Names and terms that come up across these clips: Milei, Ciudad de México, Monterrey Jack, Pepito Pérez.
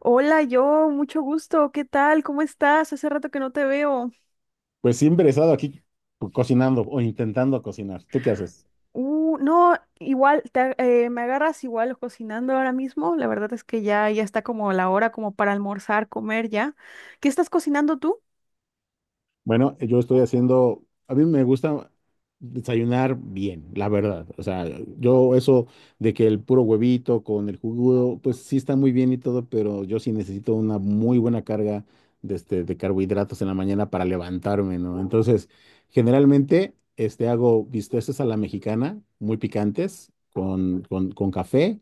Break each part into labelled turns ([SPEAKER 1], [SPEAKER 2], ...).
[SPEAKER 1] Hola, yo, mucho gusto. ¿Qué tal? ¿Cómo estás? Hace rato que no te veo.
[SPEAKER 2] Pues siempre he estado aquí cocinando o intentando cocinar. ¿Tú qué haces?
[SPEAKER 1] No, igual, me agarras igual cocinando ahora mismo. La verdad es que ya está como la hora como para almorzar, comer ya. ¿Qué estás cocinando tú?
[SPEAKER 2] Bueno, yo estoy haciendo, a mí me gusta desayunar bien, la verdad. O sea, yo eso de que el puro huevito con el jugo, pues sí está muy bien y todo, pero yo sí necesito una muy buena carga de, de carbohidratos en la mañana para levantarme, ¿no? Entonces, generalmente hago bisteces a la mexicana, muy picantes, con café.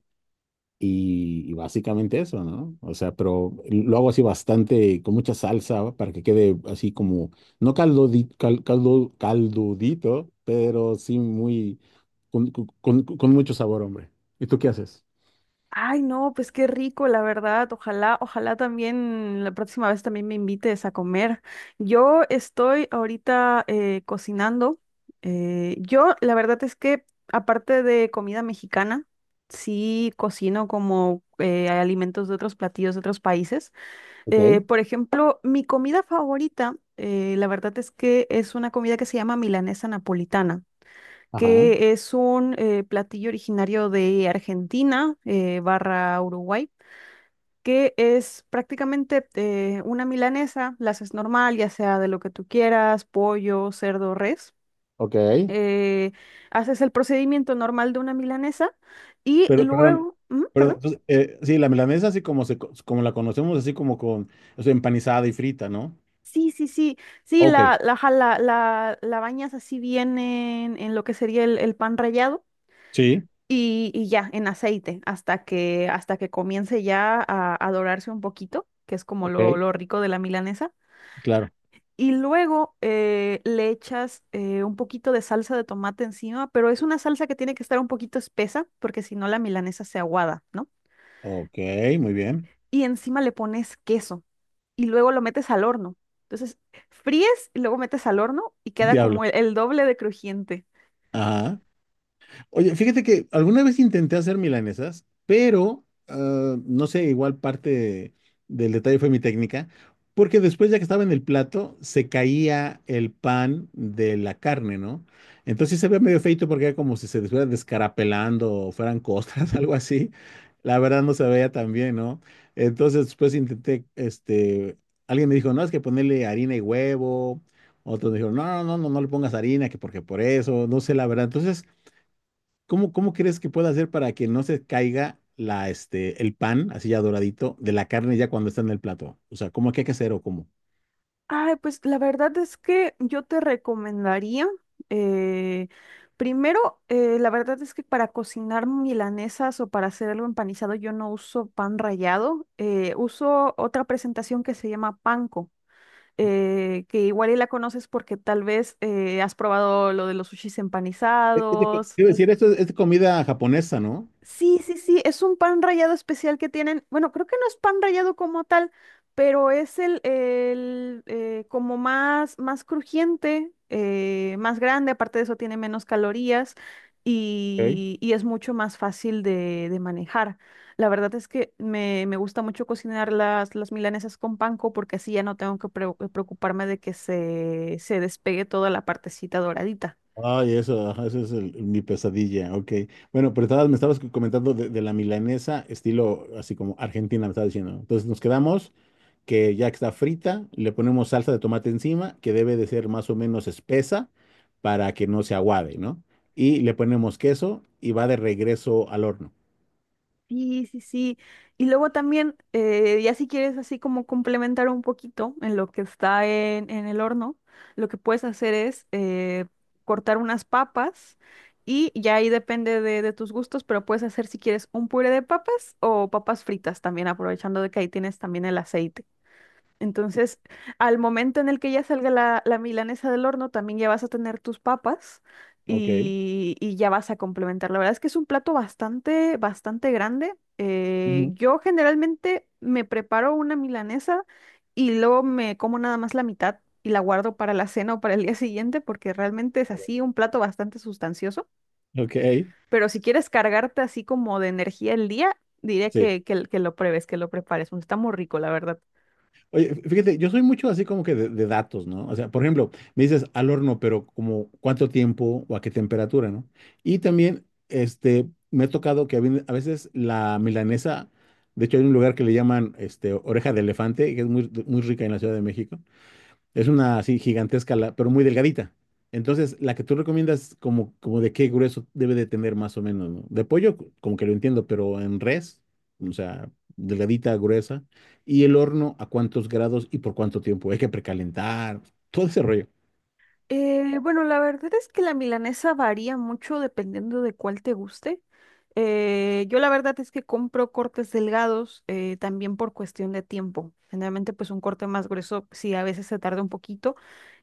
[SPEAKER 2] Y, y básicamente eso, ¿no? O sea, pero lo hago así bastante, con mucha salsa, para que quede así como, no caldodi- cal- caldo, caldudito, pero sí muy, con mucho sabor, hombre. ¿Y tú qué haces?
[SPEAKER 1] Ay, no, pues qué rico, la verdad. Ojalá, ojalá también la próxima vez también me invites a comer. Yo estoy ahorita cocinando. Yo, la verdad es que aparte de comida mexicana, sí cocino como alimentos de otros platillos de otros países.
[SPEAKER 2] Ok,
[SPEAKER 1] Por ejemplo, mi comida favorita, la verdad es que es una comida que se llama milanesa napolitana,
[SPEAKER 2] ajá,
[SPEAKER 1] que es un platillo originario de Argentina barra Uruguay, que es prácticamente una milanesa, la haces normal, ya sea de lo que tú quieras, pollo, cerdo, res.
[SPEAKER 2] ok.
[SPEAKER 1] Eh, haces el procedimiento normal de una milanesa y
[SPEAKER 2] Pero, perdón,
[SPEAKER 1] luego, ujú, perdón.
[SPEAKER 2] perdón, pues, sí, la milanesa así como, como la conocemos, así como con, o sea, empanizada y frita, ¿no?
[SPEAKER 1] Sí, sí, sí, sí,
[SPEAKER 2] Ok,
[SPEAKER 1] la, ajá, la bañas así bien en, lo que sería el pan rallado.
[SPEAKER 2] sí,
[SPEAKER 1] Y ya, en aceite, hasta que, comience ya a dorarse un poquito, que es como lo,
[SPEAKER 2] ok,
[SPEAKER 1] lo rico de la milanesa.
[SPEAKER 2] claro.
[SPEAKER 1] Y luego le echas un poquito de salsa de tomate encima, pero es una salsa que tiene que estar un poquito espesa, porque si no la milanesa se aguada, ¿no?
[SPEAKER 2] Ok, muy bien.
[SPEAKER 1] Y encima le pones queso y luego lo metes al horno. Entonces, fríes y luego metes al horno y queda
[SPEAKER 2] Diablo.
[SPEAKER 1] como el doble de crujiente.
[SPEAKER 2] Ajá. Oye, fíjate que alguna vez intenté hacer milanesas, pero no sé, igual parte del detalle fue mi técnica, porque después ya que estaba en el plato, se caía el pan de la carne, ¿no? Entonces se veía medio feito porque era como si se estuviera descarapelando o fueran costras, algo así. La verdad no se veía tan bien, ¿no? Entonces después intenté, alguien me dijo, no, es que ponerle harina y huevo. Otros me dijeron, no le pongas harina, que porque por eso, no sé la verdad. Entonces, ¿cómo, cómo crees que pueda hacer para que no se caiga la, el pan, así ya doradito, de la carne ya cuando está en el plato? O sea, ¿cómo que hay que hacer o cómo?
[SPEAKER 1] Ay, pues la verdad es que yo te recomendaría, eh, primero, la verdad es que para cocinar milanesas o para hacer algo empanizado yo no uso pan rallado, uso otra presentación que se llama panko, que igual y la conoces porque tal vez has probado lo de los sushis empanizados.
[SPEAKER 2] Quiero decir, esto es de comida japonesa, ¿no?
[SPEAKER 1] Sí, sí, sí, es un pan rallado especial que tienen. Bueno, creo que no es pan rallado como tal, pero es el como más, más crujiente, más grande. Aparte de eso, tiene menos calorías
[SPEAKER 2] Ok.
[SPEAKER 1] y, es mucho más fácil de manejar. La verdad es que me, gusta mucho cocinar las milanesas con panko, porque así ya no tengo que preocuparme de que se despegue toda la partecita doradita.
[SPEAKER 2] Ay, eso, ajá, mi pesadilla, ok. Bueno, pero estabas, me estabas comentando de la milanesa, estilo así como Argentina, me estabas diciendo. ¿No? Entonces nos quedamos que ya está frita, le ponemos salsa de tomate encima, que debe de ser más o menos espesa para que no se aguade, ¿no? Y le ponemos queso y va de regreso al horno.
[SPEAKER 1] Sí, sí, sí. Y luego también, ya si quieres así como complementar un poquito en lo que está en, el horno, lo que puedes hacer es cortar unas papas, y ya ahí depende de tus gustos, pero puedes hacer, si quieres, un puré de papas o papas fritas también, aprovechando de que ahí tienes también el aceite. Entonces, al momento en el que ya salga la, milanesa del horno, también ya vas a tener tus papas
[SPEAKER 2] Ok.
[SPEAKER 1] y ya vas a complementar. La verdad es que es un plato bastante, bastante grande. Eh,
[SPEAKER 2] Ujú.
[SPEAKER 1] yo generalmente me preparo una milanesa y luego me como nada más la mitad y la guardo para la cena o para el día siguiente, porque realmente es así un plato bastante sustancioso.
[SPEAKER 2] Ok,
[SPEAKER 1] Pero si quieres cargarte así como de energía el día, diré
[SPEAKER 2] sí.
[SPEAKER 1] que lo pruebes, que lo prepares, porque está muy rico, la verdad.
[SPEAKER 2] Oye, fíjate, yo soy mucho así como que de datos, ¿no? O sea, por ejemplo, me dices al horno, pero como cuánto tiempo o a qué temperatura, ¿no? Y también, me ha tocado que a veces la milanesa, de hecho hay un lugar que le llaman, oreja de elefante, que es muy, muy rica en la Ciudad de México. Es una así gigantesca, pero muy delgadita. Entonces, la que tú recomiendas, como, como de qué grueso debe de tener más o menos, ¿no? De pollo, como que lo entiendo, pero en res, o sea, delgadita, gruesa. Y el horno, ¿a cuántos grados y por cuánto tiempo? Hay que precalentar, todo ese rollo.
[SPEAKER 1] Bueno, la verdad es que la milanesa varía mucho dependiendo de cuál te guste. Yo la verdad es que compro cortes delgados, también por cuestión de tiempo. Generalmente, pues, un corte más grueso sí a veces se tarda un poquito,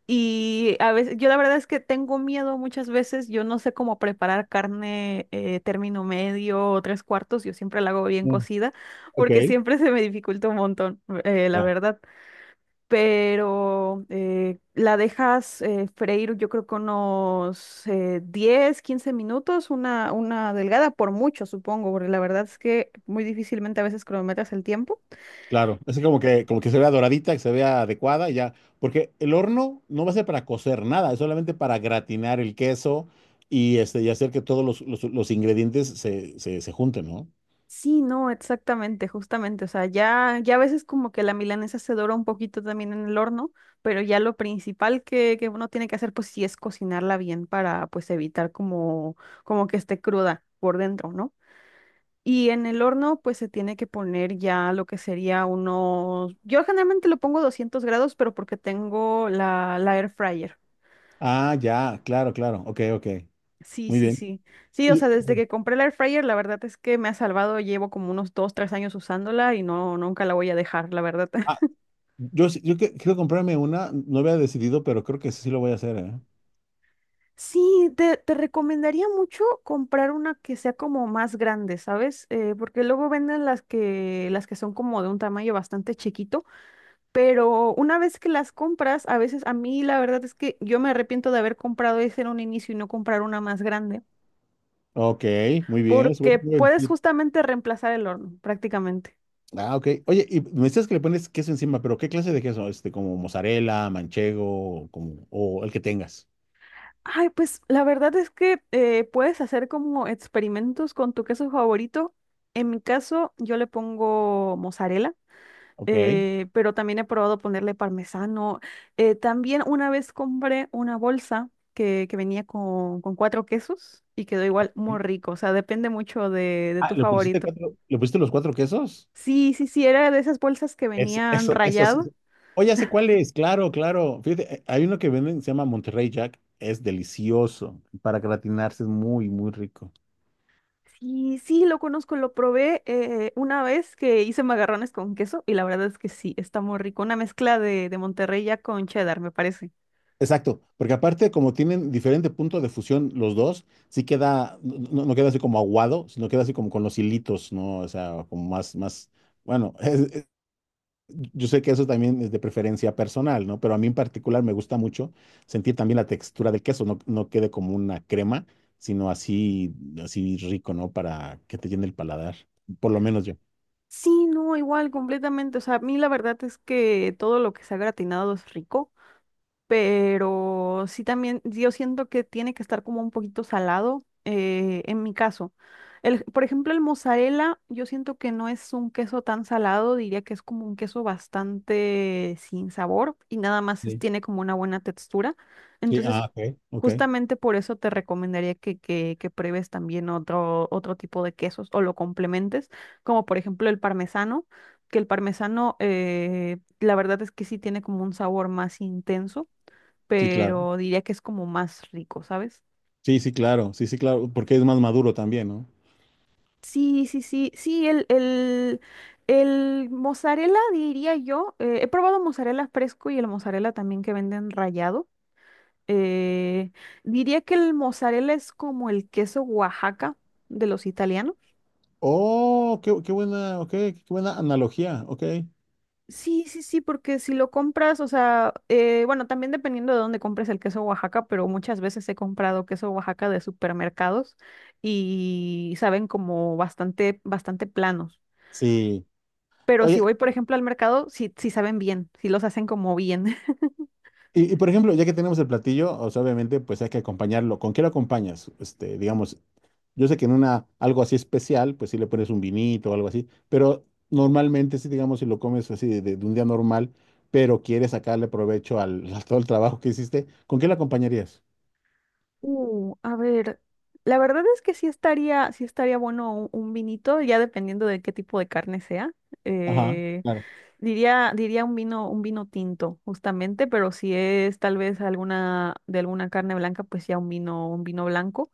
[SPEAKER 1] y a veces yo la verdad es que tengo miedo muchas veces. Yo no sé cómo preparar carne término medio o tres cuartos. Yo siempre la hago bien
[SPEAKER 2] Mm.
[SPEAKER 1] cocida,
[SPEAKER 2] Ok,
[SPEAKER 1] porque siempre se me dificulta un montón, la
[SPEAKER 2] ya,
[SPEAKER 1] verdad. Pero la dejas freír yo creo que unos, 10, 15 minutos, una, delgada por mucho, supongo, porque la verdad es que muy difícilmente a veces cronometras el tiempo.
[SPEAKER 2] claro. Es como que se vea doradita, que se vea adecuada, y ya. Porque el horno no va a ser para cocer nada, es solamente para gratinar el queso y, y hacer que todos los, los ingredientes se junten, ¿no?
[SPEAKER 1] Sí, no, exactamente, justamente, o sea, ya, a veces como que la milanesa se dora un poquito también en el horno, pero ya lo principal que, uno tiene que hacer, pues sí, es cocinarla bien para pues evitar como que esté cruda por dentro, ¿no? Y en el horno, pues se tiene que poner ya lo que sería unos. Yo generalmente lo pongo 200 grados, pero porque tengo la air fryer.
[SPEAKER 2] Ah, ya, claro, claro. Ok, ok.
[SPEAKER 1] Sí,
[SPEAKER 2] Muy
[SPEAKER 1] sí,
[SPEAKER 2] bien.
[SPEAKER 1] sí. Sí, o sea,
[SPEAKER 2] Y
[SPEAKER 1] desde
[SPEAKER 2] ok.
[SPEAKER 1] que compré la air fryer, la verdad es que me ha salvado. Llevo como unos dos, tres años usándola y no, nunca la voy a dejar, la verdad.
[SPEAKER 2] Ah, yo, quiero comprarme una, no había decidido, pero creo que sí lo voy a hacer, ¿eh?
[SPEAKER 1] Sí, te, recomendaría mucho comprar una que sea como más grande, ¿sabes? Porque luego venden las que son como de un tamaño bastante chiquito. Pero una vez que las compras, a veces a mí la verdad es que yo me arrepiento de haber comprado ese en un inicio y no comprar una más grande,
[SPEAKER 2] Ok, muy bien. Es
[SPEAKER 1] porque
[SPEAKER 2] buen
[SPEAKER 1] puedes
[SPEAKER 2] tip.
[SPEAKER 1] justamente reemplazar el horno prácticamente.
[SPEAKER 2] Ah, ok. Oye, y me decías que le pones queso encima, pero ¿qué clase de queso? Este, como mozzarella, manchego, como, o el que tengas.
[SPEAKER 1] Ay, pues la verdad es que, puedes hacer como experimentos con tu queso favorito. En mi caso, yo le pongo mozzarella,
[SPEAKER 2] Ok.
[SPEAKER 1] pero también he probado ponerle parmesano. También una vez compré una bolsa que, venía con cuatro quesos y quedó igual
[SPEAKER 2] Ok.
[SPEAKER 1] muy rico. O sea, depende mucho de
[SPEAKER 2] Ah,
[SPEAKER 1] tu
[SPEAKER 2] ¿le pusiste
[SPEAKER 1] favorito.
[SPEAKER 2] cuatro, le pusiste los cuatro quesos?
[SPEAKER 1] Sí, sí, sí, era de esas bolsas que
[SPEAKER 2] Eso,
[SPEAKER 1] venían
[SPEAKER 2] eso, eso sí.
[SPEAKER 1] rayado.
[SPEAKER 2] Oye, ¿hace cuál es? Claro, claro. Fíjate, hay uno que venden, se llama Monterrey Jack. Es delicioso. Para gratinarse es muy, muy rico.
[SPEAKER 1] Sí, sí, lo conozco, lo probé una vez que hice macarrones con queso, y la verdad es que sí, está muy rico. Una mezcla de Monterrey ya con cheddar, me parece.
[SPEAKER 2] Exacto, porque aparte como tienen diferente punto de fusión los dos, sí queda, no, no queda así como aguado, sino queda así como con los hilitos, ¿no? O sea, como más, más, bueno, yo sé que eso también es de preferencia personal, ¿no? Pero a mí en particular me gusta mucho sentir también la textura del queso, no, no quede como una crema, sino así, así rico, ¿no? Para que te llene el paladar, por lo menos yo.
[SPEAKER 1] Sí, no, igual, completamente. O sea, a mí la verdad es que todo lo que se ha gratinado es rico. Pero sí, también yo siento que tiene que estar como un poquito salado, en mi caso. El, por ejemplo, el mozzarella, yo siento que no es un queso tan salado, diría que es como un queso bastante sin sabor y nada más
[SPEAKER 2] Sí,
[SPEAKER 1] tiene como una buena textura.
[SPEAKER 2] sí,
[SPEAKER 1] Entonces,
[SPEAKER 2] ah, ok, ok,
[SPEAKER 1] justamente por eso te recomendaría que, pruebes también otro tipo de quesos o lo complementes, como, por ejemplo, el parmesano, que el parmesano, la verdad es que sí tiene como un sabor más intenso,
[SPEAKER 2] sí, claro.
[SPEAKER 1] pero diría que es como más rico, ¿sabes?
[SPEAKER 2] Sí, sí, claro, sí, sí, claro, porque es más maduro también, ¿no?
[SPEAKER 1] Sí, sí, sí, sí, el mozzarella, diría yo, he probado mozzarella fresco y el mozzarella también que venden rallado. eh, diría que el mozzarella es como el queso Oaxaca de los italianos.
[SPEAKER 2] Oh, qué, qué buena, ok, qué buena analogía, ok.
[SPEAKER 1] Sí, sí, sí, porque si lo compras, o sea, bueno, también dependiendo de dónde compres el queso Oaxaca, pero muchas veces he comprado queso Oaxaca de supermercados y saben como bastante, bastante planos.
[SPEAKER 2] Sí.
[SPEAKER 1] Pero si
[SPEAKER 2] Oye,
[SPEAKER 1] voy, por ejemplo, al mercado, sí, sí saben bien, sí los hacen como bien.
[SPEAKER 2] y por ejemplo, ya que tenemos el platillo, o sea, obviamente, pues hay que acompañarlo. ¿Con qué lo acompañas? Este, digamos, yo sé que en una, algo así especial, pues sí le pones un vinito o algo así, pero normalmente sí, digamos, si lo comes así de un día normal, pero quieres sacarle provecho al, a todo el trabajo que hiciste, ¿con qué lo acompañarías?
[SPEAKER 1] A ver, la verdad es que sí estaría bueno un, vinito, ya dependiendo de qué tipo de carne sea.
[SPEAKER 2] Ajá,
[SPEAKER 1] Eh,
[SPEAKER 2] claro.
[SPEAKER 1] diría diría un vino tinto, justamente, pero si es tal vez de alguna carne blanca, pues ya un vino blanco.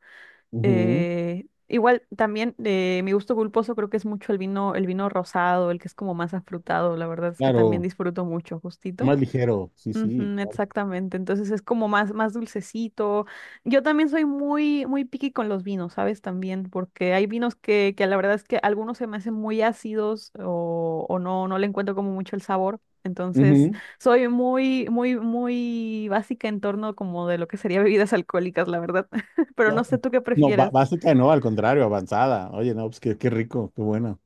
[SPEAKER 2] Ujú,
[SPEAKER 1] Igual también, mi gusto culposo creo que es mucho el vino rosado, el que es como más afrutado. La verdad es que también
[SPEAKER 2] claro,
[SPEAKER 1] disfruto mucho, justito.
[SPEAKER 2] más ligero, sí, sí.
[SPEAKER 1] Ujú,
[SPEAKER 2] Claro.
[SPEAKER 1] exactamente, entonces es como más, más dulcecito. Yo también soy muy, muy picky con los vinos, ¿sabes? También, porque hay vinos que la verdad es que algunos se me hacen muy ácidos, o no, no le encuentro como mucho el sabor. Entonces,
[SPEAKER 2] Ujú.
[SPEAKER 1] soy muy, muy, muy básica en torno como de lo que sería bebidas alcohólicas, la verdad. Pero no
[SPEAKER 2] No,
[SPEAKER 1] sé tú qué
[SPEAKER 2] no,
[SPEAKER 1] prefieres.
[SPEAKER 2] básica no, al contrario, avanzada. Oye, no, pues qué, qué rico, qué bueno.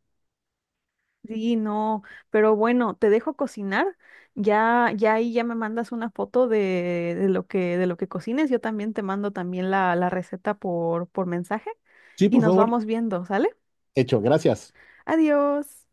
[SPEAKER 1] Sí, no, pero bueno, te dejo cocinar. Ya ahí ya me mandas una foto de, lo que, de lo que cocines. Yo también te mando también la, receta por mensaje,
[SPEAKER 2] Sí,
[SPEAKER 1] y
[SPEAKER 2] por
[SPEAKER 1] nos
[SPEAKER 2] favor,
[SPEAKER 1] vamos viendo, ¿sale?
[SPEAKER 2] hecho, gracias.
[SPEAKER 1] Adiós.